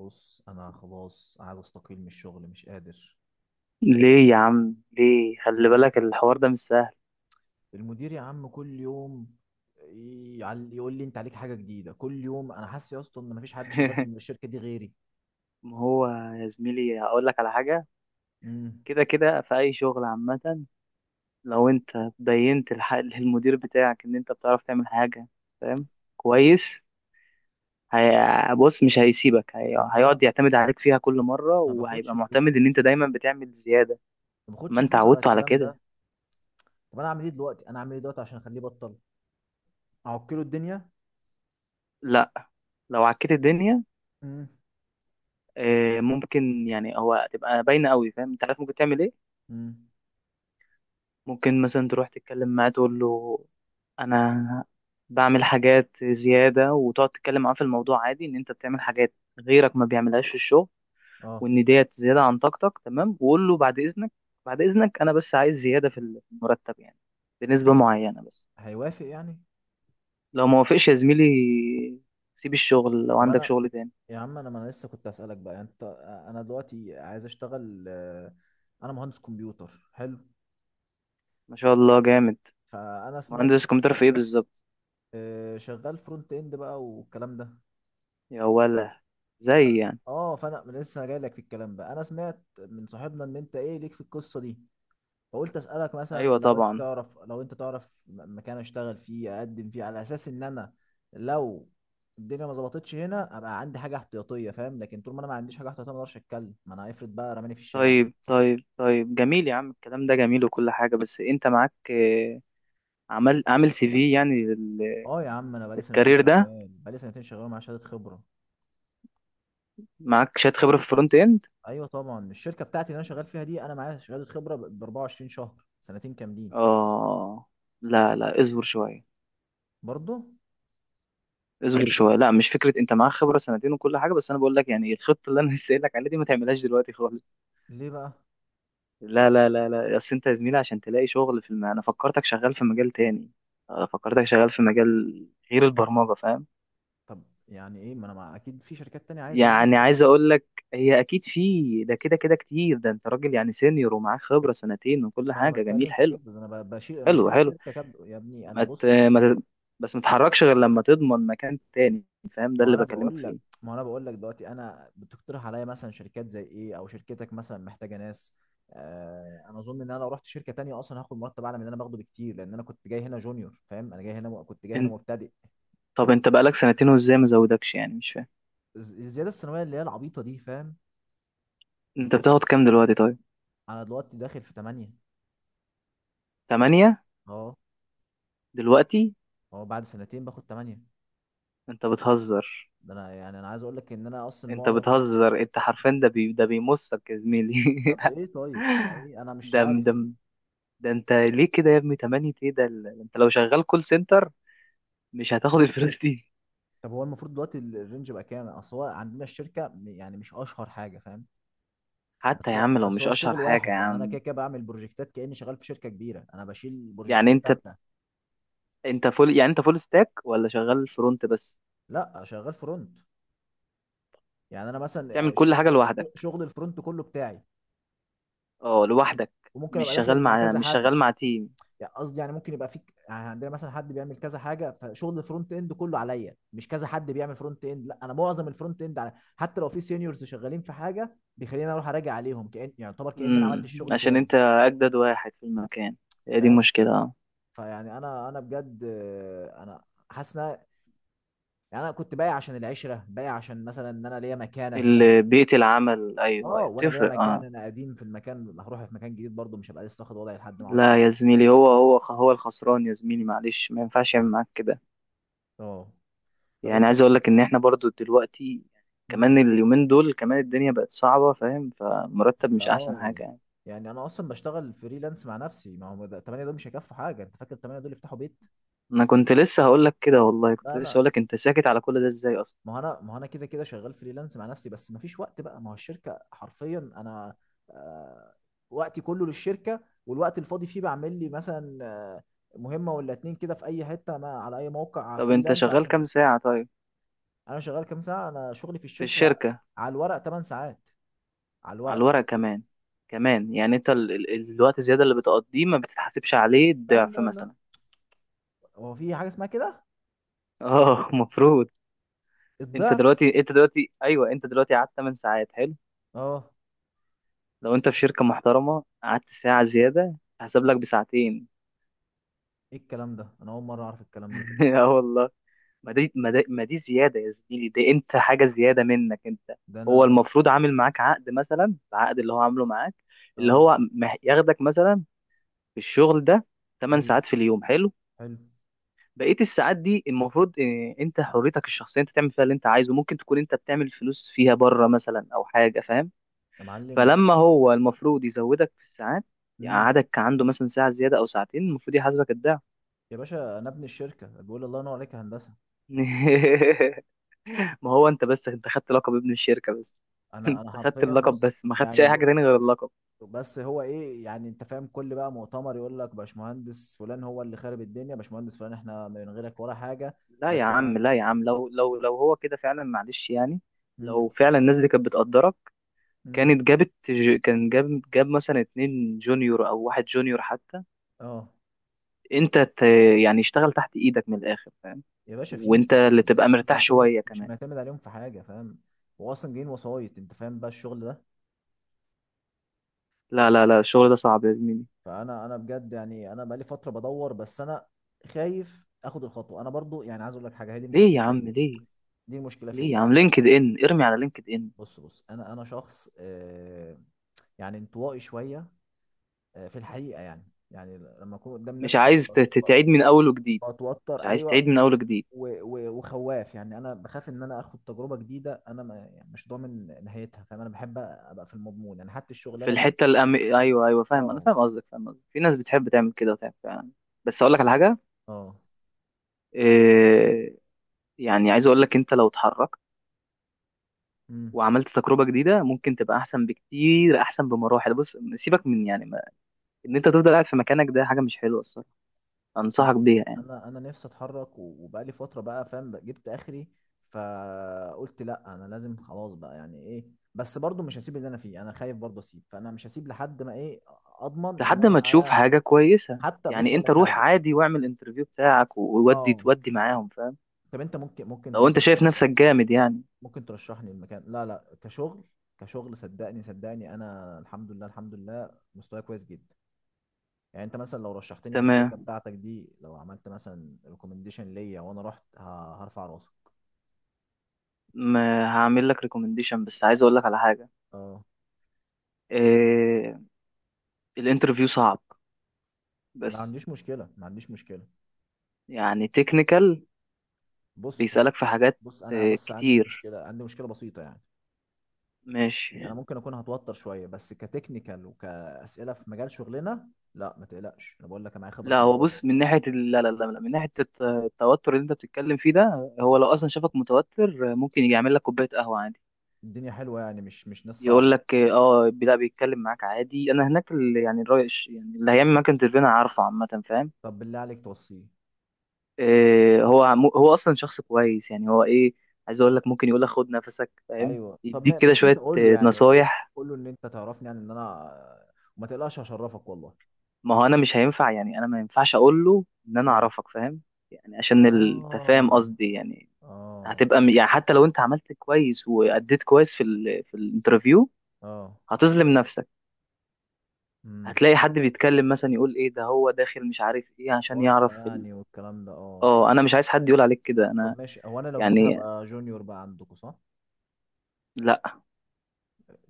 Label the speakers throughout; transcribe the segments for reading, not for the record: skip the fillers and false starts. Speaker 1: بص، انا خلاص عايز استقيل من الشغل، مش قادر.
Speaker 2: ليه يا عم ليه؟ خلي
Speaker 1: يعني
Speaker 2: بالك الحوار ده مش سهل.
Speaker 1: المدير يا عم كل يوم يقول لي انت عليك حاجه جديده كل يوم. انا حاسس يا اسطى ان مفيش حد شغال في الشركه دي غيري.
Speaker 2: ما هو يا زميلي هقول لك على حاجة.
Speaker 1: امم
Speaker 2: كده كده في أي شغل عامة، لو أنت بينت للمدير بتاعك إن أنت بتعرف تعمل حاجة، فاهم؟ كويس.
Speaker 1: طب
Speaker 2: بص مش هيسيبك،
Speaker 1: طب ما انا
Speaker 2: هيقعد يعتمد عليك فيها كل مرة
Speaker 1: ما باخدش
Speaker 2: وهيبقى معتمد إن أنت
Speaker 1: فلوس،
Speaker 2: دايما بتعمل زيادة.
Speaker 1: ما
Speaker 2: ما
Speaker 1: باخدش
Speaker 2: أنت
Speaker 1: فلوس على
Speaker 2: عودته على
Speaker 1: الكلام
Speaker 2: كده.
Speaker 1: ده. طب انا اعمل ايه دلوقتي، انا اعمل ايه دلوقتي عشان اخليه يبطل. اعكله الدنيا.
Speaker 2: لا، لو عكيت الدنيا
Speaker 1: امم
Speaker 2: ممكن يعني هو تبقى باينة قوي، فاهم؟ أنت عارف ممكن تعمل إيه.
Speaker 1: امم
Speaker 2: ممكن مثلا تروح تتكلم معاه تقول له انا بعمل حاجات زيادة، وتقعد تتكلم معاه في الموضوع عادي ان انت بتعمل حاجات غيرك ما بيعملهاش في الشغل،
Speaker 1: اه
Speaker 2: وان ديت زيادة عن طاقتك، تمام؟ وقول له بعد اذنك، بعد اذنك انا بس عايز زيادة في المرتب يعني، بنسبة معينة بس.
Speaker 1: هيوافق يعني؟
Speaker 2: لو ما وافقش يا زميلي سيب الشغل لو
Speaker 1: طب
Speaker 2: عندك
Speaker 1: انا
Speaker 2: شغل تاني.
Speaker 1: يا عم، انا ما انا لسه كنت اسالك بقى، يعني انت. انا دلوقتي عايز اشتغل. انا مهندس كمبيوتر حلو.
Speaker 2: ما شاء الله جامد.
Speaker 1: فانا سمعت.
Speaker 2: مهندس كمبيوتر في ايه بالظبط؟
Speaker 1: شغال فرونت اند بقى والكلام ده.
Speaker 2: يا ولا زي يعني؟
Speaker 1: اه، فانا لسه جايلك في الكلام بقى. انا سمعت من صاحبنا ان انت ايه ليك في القصه دي. فقلت اسالك،
Speaker 2: ايوه
Speaker 1: مثلا لو انت
Speaker 2: طبعا.
Speaker 1: تعرف، لو انت تعرف مكان اشتغل فيه، اقدم فيه على اساس ان انا لو الدنيا ما ظبطتش هنا ابقى عندي حاجه احتياطيه، فاهم. لكن طول ما انا ما عنديش حاجه احتياطيه ما اقدرش اتكلم، ما انا هيفرض بقى رماني في الشارع.
Speaker 2: طيب طيب طيب، جميل يا عم، الكلام ده جميل وكل حاجة، بس انت معاك عمل عامل سي في يعني
Speaker 1: اه يا عم، انا بقالي سنتين
Speaker 2: للكارير ده؟
Speaker 1: شغال، بقالي سنتين شغال مع شهاده خبره.
Speaker 2: معاك شهادة خبرة في الفرونت اند؟
Speaker 1: ايوه طبعا، الشركه بتاعتي اللي انا شغال فيها دي، انا معايا شهاده خبره ب 24 شهر، سنتين كاملين.
Speaker 2: اه، لا لا، اصبر شوية،
Speaker 1: برضه.
Speaker 2: اصبر شوية، لا مش فكرة، انت معاك خبرة سنتين وكل حاجة، بس انا بقول لك يعني الخطة اللي انا لسه قايل لك عليها دي ما تعملهاش دلوقتي خالص.
Speaker 1: ليه بقى؟
Speaker 2: لا لا لا لا، اصل انت يا زميلي عشان تلاقي شغل في انا فكرتك شغال في مجال تاني، فكرتك شغال في مجال غير البرمجة، فاهم؟
Speaker 1: طب يعني ايه؟ ما انا مع... اكيد في شركات تانية عايزه ناس
Speaker 2: يعني
Speaker 1: برضه
Speaker 2: عايز
Speaker 1: يعني.
Speaker 2: اقول لك هي اكيد في ده، كده كده كتير، ده انت راجل يعني سينيور ومعاك خبره سنتين وكل
Speaker 1: ما انا
Speaker 2: حاجه، جميل
Speaker 1: بتكلم في
Speaker 2: حلو
Speaker 1: كده، ده انا بشيل، انا
Speaker 2: حلو
Speaker 1: شايل
Speaker 2: حلو.
Speaker 1: الشركه كب... يا ابني انا
Speaker 2: ما ت...
Speaker 1: بص.
Speaker 2: ما ت... بس ما تتحركش غير لما تضمن مكان تاني، فاهم؟ ده
Speaker 1: ما
Speaker 2: اللي
Speaker 1: انا
Speaker 2: بكلمك
Speaker 1: بقول لك
Speaker 2: فيه.
Speaker 1: ما انا بقول لك دلوقتي، انا بتقترح عليا مثلا شركات زي ايه، او شركتك مثلا محتاجه ناس؟ آه، انا اظن ان انا لو رحت شركه تانية اصلا هاخد مرتب اعلى من اللي انا باخده بكتير، لان انا كنت جاي هنا جونيور، فاهم. انا جاي هنا كنت جاي هنا
Speaker 2: انت،
Speaker 1: مبتدئ.
Speaker 2: طب انت بقالك سنتين وازاي ما زودكش يعني؟ مش فاهم.
Speaker 1: الزياده السنويه اللي هي العبيطه دي، فاهم.
Speaker 2: انت بتاخد كام دلوقتي طيب؟
Speaker 1: انا دلوقتي داخل في 8.
Speaker 2: تمانية؟
Speaker 1: اه.
Speaker 2: دلوقتي؟
Speaker 1: اه بعد سنتين باخد 8.
Speaker 2: انت بتهزر،
Speaker 1: ده انا يعني، انا عايز اقول لك ان انا اصلا
Speaker 2: انت
Speaker 1: معظم...
Speaker 2: بتهزر، انت حرفيا ده ده بيمصك يا زميلي.
Speaker 1: طب ايه، طيب ما ايه، انا مش
Speaker 2: ده
Speaker 1: عارف.
Speaker 2: ده ده انت ليه كده يا ابني؟ تمانية ايه ده؟ انت لو شغال كول سنتر مش هتاخد الفلوس دي.
Speaker 1: طب هو المفروض دلوقتي الرينج بقى كام؟ اصل هو عندنا الشركه يعني مش اشهر حاجه، فاهم.
Speaker 2: حتى يا
Speaker 1: بس
Speaker 2: عم لو
Speaker 1: بس
Speaker 2: مش
Speaker 1: هو
Speaker 2: اشهر
Speaker 1: الشغل
Speaker 2: حاجه يا
Speaker 1: واحد يعني. انا كده
Speaker 2: عم.
Speaker 1: كده بعمل بروجكتات كاني شغال في شركه كبيره، انا بشيل
Speaker 2: يعني
Speaker 1: بروجكتات
Speaker 2: انت،
Speaker 1: كامله.
Speaker 2: انت فول، يعني انت فول ستاك ولا شغال فرونت بس؟
Speaker 1: لا شغال فرونت. يعني انا مثلا
Speaker 2: بتعمل كل حاجه لوحدك؟
Speaker 1: شغل الفرونت كله بتاعي،
Speaker 2: اه لوحدك؟
Speaker 1: وممكن
Speaker 2: مش
Speaker 1: ابقى
Speaker 2: شغال
Speaker 1: داخل مع
Speaker 2: مع
Speaker 1: كذا
Speaker 2: مش
Speaker 1: حد.
Speaker 2: شغال مع تيم؟
Speaker 1: يعني قصدي، يعني ممكن يبقى فيك، يعني عندنا مثلا حد بيعمل كذا حاجه، فشغل الفرونت اند كله عليا، مش كذا حد بيعمل فرونت اند، لا انا معظم الفرونت اند على. حتى لو في سينيورز شغالين في حاجه، بيخليني اروح اراجع عليهم، كأن يعني، يعتبر كأن انا عملت
Speaker 2: امم،
Speaker 1: الشغل
Speaker 2: عشان
Speaker 1: تاني،
Speaker 2: انت اجدد واحد في المكان، هي دي
Speaker 1: فاهم.
Speaker 2: مشكله اه.
Speaker 1: فيعني انا بجد، انا حاسس يعني انا كنت بايع عشان العشره، بايع عشان مثلا ان انا ليا مكانه هنا.
Speaker 2: اللي بيئه العمل، ايوه
Speaker 1: اه، وانا ليا
Speaker 2: بتفرق
Speaker 1: مكان،
Speaker 2: اه.
Speaker 1: انا قديم في المكان. هروح في مكان جديد برضه، مش هبقى لسه واخد وضعي لحد ما اقعد شويه.
Speaker 2: لا يا زميلي، هو الخسران يا زميلي، معلش ما ينفعش يعمل معاك كده.
Speaker 1: اه. طب
Speaker 2: يعني عايز اقول لك ان احنا برضو دلوقتي
Speaker 1: انت.
Speaker 2: كمان، اليومين دول كمان الدنيا بقت صعبه، فاهم؟ فمرتب مش احسن
Speaker 1: اه،
Speaker 2: حاجه.
Speaker 1: يعني انا اصلا بشتغل فريلانس مع نفسي، ما هو ده 8 دول مش هيكفوا حاجه. انت فاكر 8 دول يفتحوا بيت؟
Speaker 2: انا كنت لسه هقول لك كده، والله
Speaker 1: لا
Speaker 2: كنت لسه
Speaker 1: لا،
Speaker 2: هقول لك، انت ساكت على كل ده ازاي اصلا؟
Speaker 1: ما هو انا، ما هو انا كده كده شغال فريلانس مع نفسي، بس ما فيش وقت بقى. ما هو الشركه حرفيا انا، آه وقتي كله للشركه. والوقت الفاضي فيه بعمل لي مثلا مهمه ولا اتنين كده في اي حته، ما على اي موقع
Speaker 2: طب انت
Speaker 1: فريلانس،
Speaker 2: شغال كام
Speaker 1: عشان.
Speaker 2: ساعة طيب؟
Speaker 1: انا شغال كام ساعه، انا شغلي في
Speaker 2: في
Speaker 1: الشركه
Speaker 2: الشركة؟
Speaker 1: على الورق 8 ساعات، على
Speaker 2: على
Speaker 1: الورق.
Speaker 2: الورق؟ كمان، كمان يعني انت الوقت الزيادة اللي بتقضيه ما بتتحاسبش عليه
Speaker 1: لا
Speaker 2: الضعف
Speaker 1: لا لا
Speaker 2: مثلا؟
Speaker 1: هو في حاجه اسمها كده،
Speaker 2: اه المفروض. انت
Speaker 1: الضعف.
Speaker 2: دلوقتي، انت دلوقتي ايوه، انت دلوقتي قعدت 8 ساعات حلو،
Speaker 1: اه،
Speaker 2: لو انت في شركة محترمة قعدت ساعة زيادة هحسب لك بساعتين.
Speaker 1: ايه الكلام ده، انا اول مره اعرف الكلام ده.
Speaker 2: اه والله. ما دي زيادة يا زميلي، دي انت حاجة زيادة منك انت.
Speaker 1: ده
Speaker 2: هو
Speaker 1: انا.
Speaker 2: المفروض عامل معاك عقد مثلا، العقد اللي هو عامله معاك اللي
Speaker 1: اه.
Speaker 2: هو ياخدك مثلا في الشغل ده 8
Speaker 1: ايوه.
Speaker 2: ساعات في اليوم، حلو.
Speaker 1: حلو.
Speaker 2: بقية الساعات دي المفروض انت حريتك الشخصية انت تعمل فيها اللي انت عايزه، ممكن تكون انت بتعمل فلوس فيها بره مثلا او حاجة، فاهم؟
Speaker 1: يا معلم
Speaker 2: فلما
Speaker 1: ده.
Speaker 2: هو المفروض يزودك في الساعات،
Speaker 1: امم.
Speaker 2: يقعدك عنده مثلا ساعة زيادة او ساعتين، المفروض يحاسبك الضعف.
Speaker 1: يا باشا، انا ابن الشركه بيقول. الله ينور عليك يا هندسه.
Speaker 2: ما هو انت بس انت خدت لقب ابن الشركة بس،
Speaker 1: انا
Speaker 2: انت
Speaker 1: انا
Speaker 2: خدت
Speaker 1: حرفيا
Speaker 2: اللقب
Speaker 1: بص
Speaker 2: بس ما خدتش
Speaker 1: يعني
Speaker 2: اي حاجة تاني غير اللقب.
Speaker 1: بس هو ايه يعني؟ انت فاهم، كل بقى مؤتمر يقول لك باشمهندس فلان هو اللي خارب الدنيا، باشمهندس فلان احنا من غيرك ولا حاجه.
Speaker 2: لا يا
Speaker 1: بس انا.
Speaker 2: عم، لا يا عم، لو هو كده فعلا معلش يعني، لو
Speaker 1: امم.
Speaker 2: فعلا الناس دي كانت بتقدرك
Speaker 1: امم.
Speaker 2: كانت جابت ج- كان جاب جاب مثلا اتنين جونيور او واحد جونيور حتى،
Speaker 1: اه.
Speaker 2: انت ت... يعني اشتغل تحت ايدك من الاخر، فاهم؟
Speaker 1: يا باشا، فيه،
Speaker 2: وانت
Speaker 1: بس
Speaker 2: اللي تبقى
Speaker 1: بس مش
Speaker 2: مرتاح
Speaker 1: معتمد،
Speaker 2: شوية
Speaker 1: مش
Speaker 2: كمان.
Speaker 1: معتمد عليهم في حاجه، فاهم. هو اصلا جايين وسايط، انت فاهم بقى الشغل ده.
Speaker 2: لا الشغل ده صعب يا زميلي.
Speaker 1: فانا، انا بجد يعني، انا بقالي فتره بدور، بس انا خايف اخد الخطوه. انا برضو يعني عايز اقول لك حاجه، هي دي
Speaker 2: ليه
Speaker 1: المشكله
Speaker 2: يا عم
Speaker 1: فيا،
Speaker 2: ليه؟
Speaker 1: دي المشكله
Speaker 2: ليه يا
Speaker 1: فيا
Speaker 2: عم؟
Speaker 1: انا.
Speaker 2: لينكد ان، ارمي على لينكد ان.
Speaker 1: بص بص انا شخص، يعني انطوائي شويه، في الحقيقه يعني. يعني لما اكون قدام
Speaker 2: مش
Speaker 1: الناس وكده،
Speaker 2: عايز تعيد من اول وجديد؟
Speaker 1: بتوتر،
Speaker 2: مش عايز تعيد
Speaker 1: ايوه.
Speaker 2: من اول وجديد؟
Speaker 1: وخواف يعني. انا بخاف ان انا اخد تجربه جديده، انا ما يعني مش ضامن نهايتها، فاهم. انا بحب ابقى في المضمون، يعني حتى
Speaker 2: في
Speaker 1: الشغلانه دي.
Speaker 2: الحته ايوه ايوه فاهم، انا
Speaker 1: اه.
Speaker 2: فاهم قصدك، فاهم قصدك، في ناس بتحب تعمل كده وتعمل فعلا. بس اقول لك على حاجه،
Speaker 1: اه.
Speaker 2: إيه... يعني عايز اقول لك انت لو اتحركت
Speaker 1: امم.
Speaker 2: وعملت تجربه جديده ممكن تبقى احسن بكتير، احسن بمراحل. بص سيبك من يعني ما... ان انت تفضل قاعد في مكانك ده حاجه مش حلوه الصراحه،
Speaker 1: أه،
Speaker 2: انصحك بيها يعني.
Speaker 1: انا، انا نفسي اتحرك، وبقالي فتره بقى، فاهم بقى، جبت اخري. فقلت لا، انا لازم خلاص بقى، يعني ايه. بس برضو مش هسيب اللي انا فيه، انا خايف برضو اسيب، فانا مش هسيب لحد ما ايه، اضمن ان
Speaker 2: لحد
Speaker 1: انا
Speaker 2: ما تشوف
Speaker 1: معايا.
Speaker 2: حاجه كويسه
Speaker 1: حتى بص
Speaker 2: يعني،
Speaker 1: اقول
Speaker 2: انت
Speaker 1: لك
Speaker 2: روح
Speaker 1: حاجه.
Speaker 2: عادي واعمل انترفيو بتاعك وودي
Speaker 1: اه.
Speaker 2: تودي معاهم، فاهم؟
Speaker 1: طب انت
Speaker 2: لو انت شايف نفسك جامد يعني.
Speaker 1: ممكن ترشحني المكان. لا لا، كشغل، كشغل. صدقني صدقني، انا الحمد لله، الحمد لله مستواي كويس جدا. يعني انت مثلا لو رشحتني في الشركه
Speaker 2: تمام،
Speaker 1: بتاعتك دي، لو عملت مثلا ريكومنديشن ليا، وانا رحت هرفع راسك.
Speaker 2: ما هعمل لك ريكومنديشن، بس عايز اقول لك على حاجه،
Speaker 1: اه،
Speaker 2: آه، الانترفيو صعب
Speaker 1: ما
Speaker 2: بس،
Speaker 1: عنديش مشكلة، ما عنديش مشكلة.
Speaker 2: يعني تكنيكال،
Speaker 1: بص هو،
Speaker 2: بيسألك في حاجات
Speaker 1: بص أنا بس عندي
Speaker 2: كتير.
Speaker 1: مشكلة، عندي مشكلة بسيطة يعني.
Speaker 2: ماشي.
Speaker 1: أنا ممكن أكون هتوتر شوية، بس كتكنيكال وكأسئلة في مجال شغلنا، لا ما تقلقش، أنا بقول لك، أنا معايا خبرة
Speaker 2: لا هو بص
Speaker 1: سنتين.
Speaker 2: من ناحية لا لا لا لا، من ناحية التوتر اللي انت بتتكلم فيه ده، هو لو اصلا شافك متوتر ممكن يجي يعمل لك كوباية قهوة عادي،
Speaker 1: الدنيا حلوة يعني، مش مش ناس
Speaker 2: يقول
Speaker 1: صعبة.
Speaker 2: لك اه لا بيتكلم معاك عادي. انا هناك يعني الراي يعني اللي هيعمل معاك انترفيو انا عارفه عامة، فاهم؟
Speaker 1: طب بالله عليك توصيه.
Speaker 2: هو هو اصلا شخص كويس يعني، هو ايه، عايز اقول لك ممكن يقول لك خد نفسك، فاهم؟
Speaker 1: أيوه، طب ما
Speaker 2: يديك كده
Speaker 1: بس أنت
Speaker 2: شوية
Speaker 1: قول له، يعني قول له،
Speaker 2: نصايح.
Speaker 1: قول له إن أنت تعرفني، يعني إن أنا، وما تقلقش هشرفك والله.
Speaker 2: ما هو انا مش هينفع، يعني انا ما ينفعش اقول له ان انا
Speaker 1: أه.
Speaker 2: اعرفك، فاهم؟ يعني عشان التفاهم
Speaker 1: آه.
Speaker 2: قصدي يعني،
Speaker 1: آه.
Speaker 2: يعني حتى لو انت عملت كويس واديت كويس في ال في الانترفيو
Speaker 1: آه.
Speaker 2: هتظلم نفسك.
Speaker 1: امم.
Speaker 2: هتلاقي حد بيتكلم مثلا يقول ايه ده، هو داخل مش عارف ايه، عشان
Speaker 1: واسطة
Speaker 2: يعرف
Speaker 1: يعني والكلام ده، أه.
Speaker 2: اه انا مش عايز حد يقول عليك كده، انا
Speaker 1: طب ماشي. هو انا لو جيت
Speaker 2: يعني.
Speaker 1: هبقى جونيور بقى عندكم؟ صح،
Speaker 2: لا،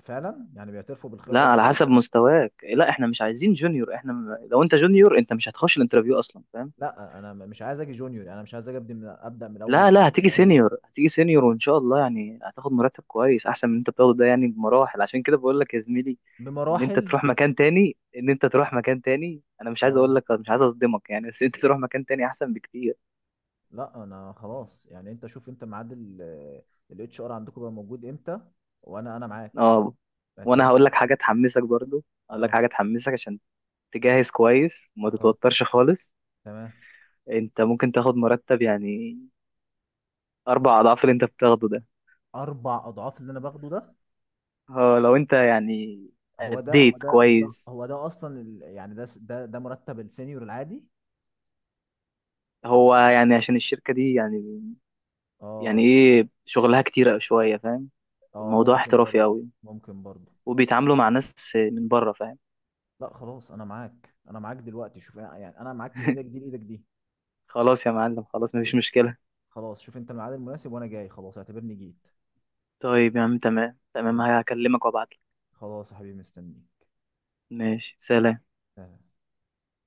Speaker 1: فعلا يعني بيعترفوا
Speaker 2: لا
Speaker 1: بالخبره
Speaker 2: على
Speaker 1: بره.
Speaker 2: حسب مستواك، لا احنا مش عايزين جونيور، لو انت جونيور انت مش هتخش الانترفيو اصلا، فاهم؟
Speaker 1: لا، انا مش عايز اجي جونيور، يعني انا مش عايز اجي ابدا من الاول
Speaker 2: لا
Speaker 1: وجديد،
Speaker 2: لا، هتيجي
Speaker 1: فاهم.
Speaker 2: سينيور، هتيجي سينيور وان شاء الله، يعني هتاخد مرتب كويس احسن من انت بتاخده ده يعني بمراحل، عشان كده بقول لك يا زميلي ان انت
Speaker 1: بمراحل.
Speaker 2: تروح مكان تاني، ان انت تروح مكان تاني، انا مش عايز
Speaker 1: اه،
Speaker 2: اقول لك، مش عايز اصدمك يعني، بس انت تروح مكان تاني احسن بكتير.
Speaker 1: لا انا خلاص يعني. انت شوف، انت ميعاد الـ HR عندكم بقى موجود امتى، وانا معاك،
Speaker 2: اه، وانا
Speaker 1: اعتبرني
Speaker 2: هقول
Speaker 1: أنا
Speaker 2: لك
Speaker 1: موجود.
Speaker 2: حاجه تحمسك برضو، هقول لك
Speaker 1: اه.
Speaker 2: حاجه تحمسك عشان تجهز كويس وما
Speaker 1: اه.
Speaker 2: تتوترش خالص.
Speaker 1: تمام.
Speaker 2: انت ممكن تاخد مرتب يعني اربع اضعاف اللي انت بتاخده ده.
Speaker 1: 4 اضعاف اللي انا باخده ده.
Speaker 2: اه لو انت يعني
Speaker 1: هو ده هو
Speaker 2: اديت
Speaker 1: ده هو ده
Speaker 2: كويس.
Speaker 1: هو ده اصلا يعني، ده س- ده ده مرتب السينيور العادي.
Speaker 2: هو يعني عشان الشركه دي يعني، يعني
Speaker 1: اه.
Speaker 2: ايه، شغلها كتير شويه، فاهم؟
Speaker 1: اه،
Speaker 2: الموضوع
Speaker 1: ممكن
Speaker 2: احترافي
Speaker 1: برضه.
Speaker 2: قوي،
Speaker 1: ممكن برضه.
Speaker 2: وبيتعاملوا مع ناس من بره، فاهم؟
Speaker 1: لا خلاص، انا معاك، انا معاك دلوقتي. شوف يعني، انا معاك من ايدك دي لايدك دي.
Speaker 2: خلاص يا معلم، خلاص مفيش مشكله.
Speaker 1: خلاص، شوف انت الميعاد المناسب وانا جاي، خلاص اعتبرني جيت.
Speaker 2: طيب يا عم، تمام تمام،
Speaker 1: يعني،
Speaker 2: هكلمك وابعتلك.
Speaker 1: خلاص يا حبيبي مستنيك.
Speaker 2: ماشي، سلام.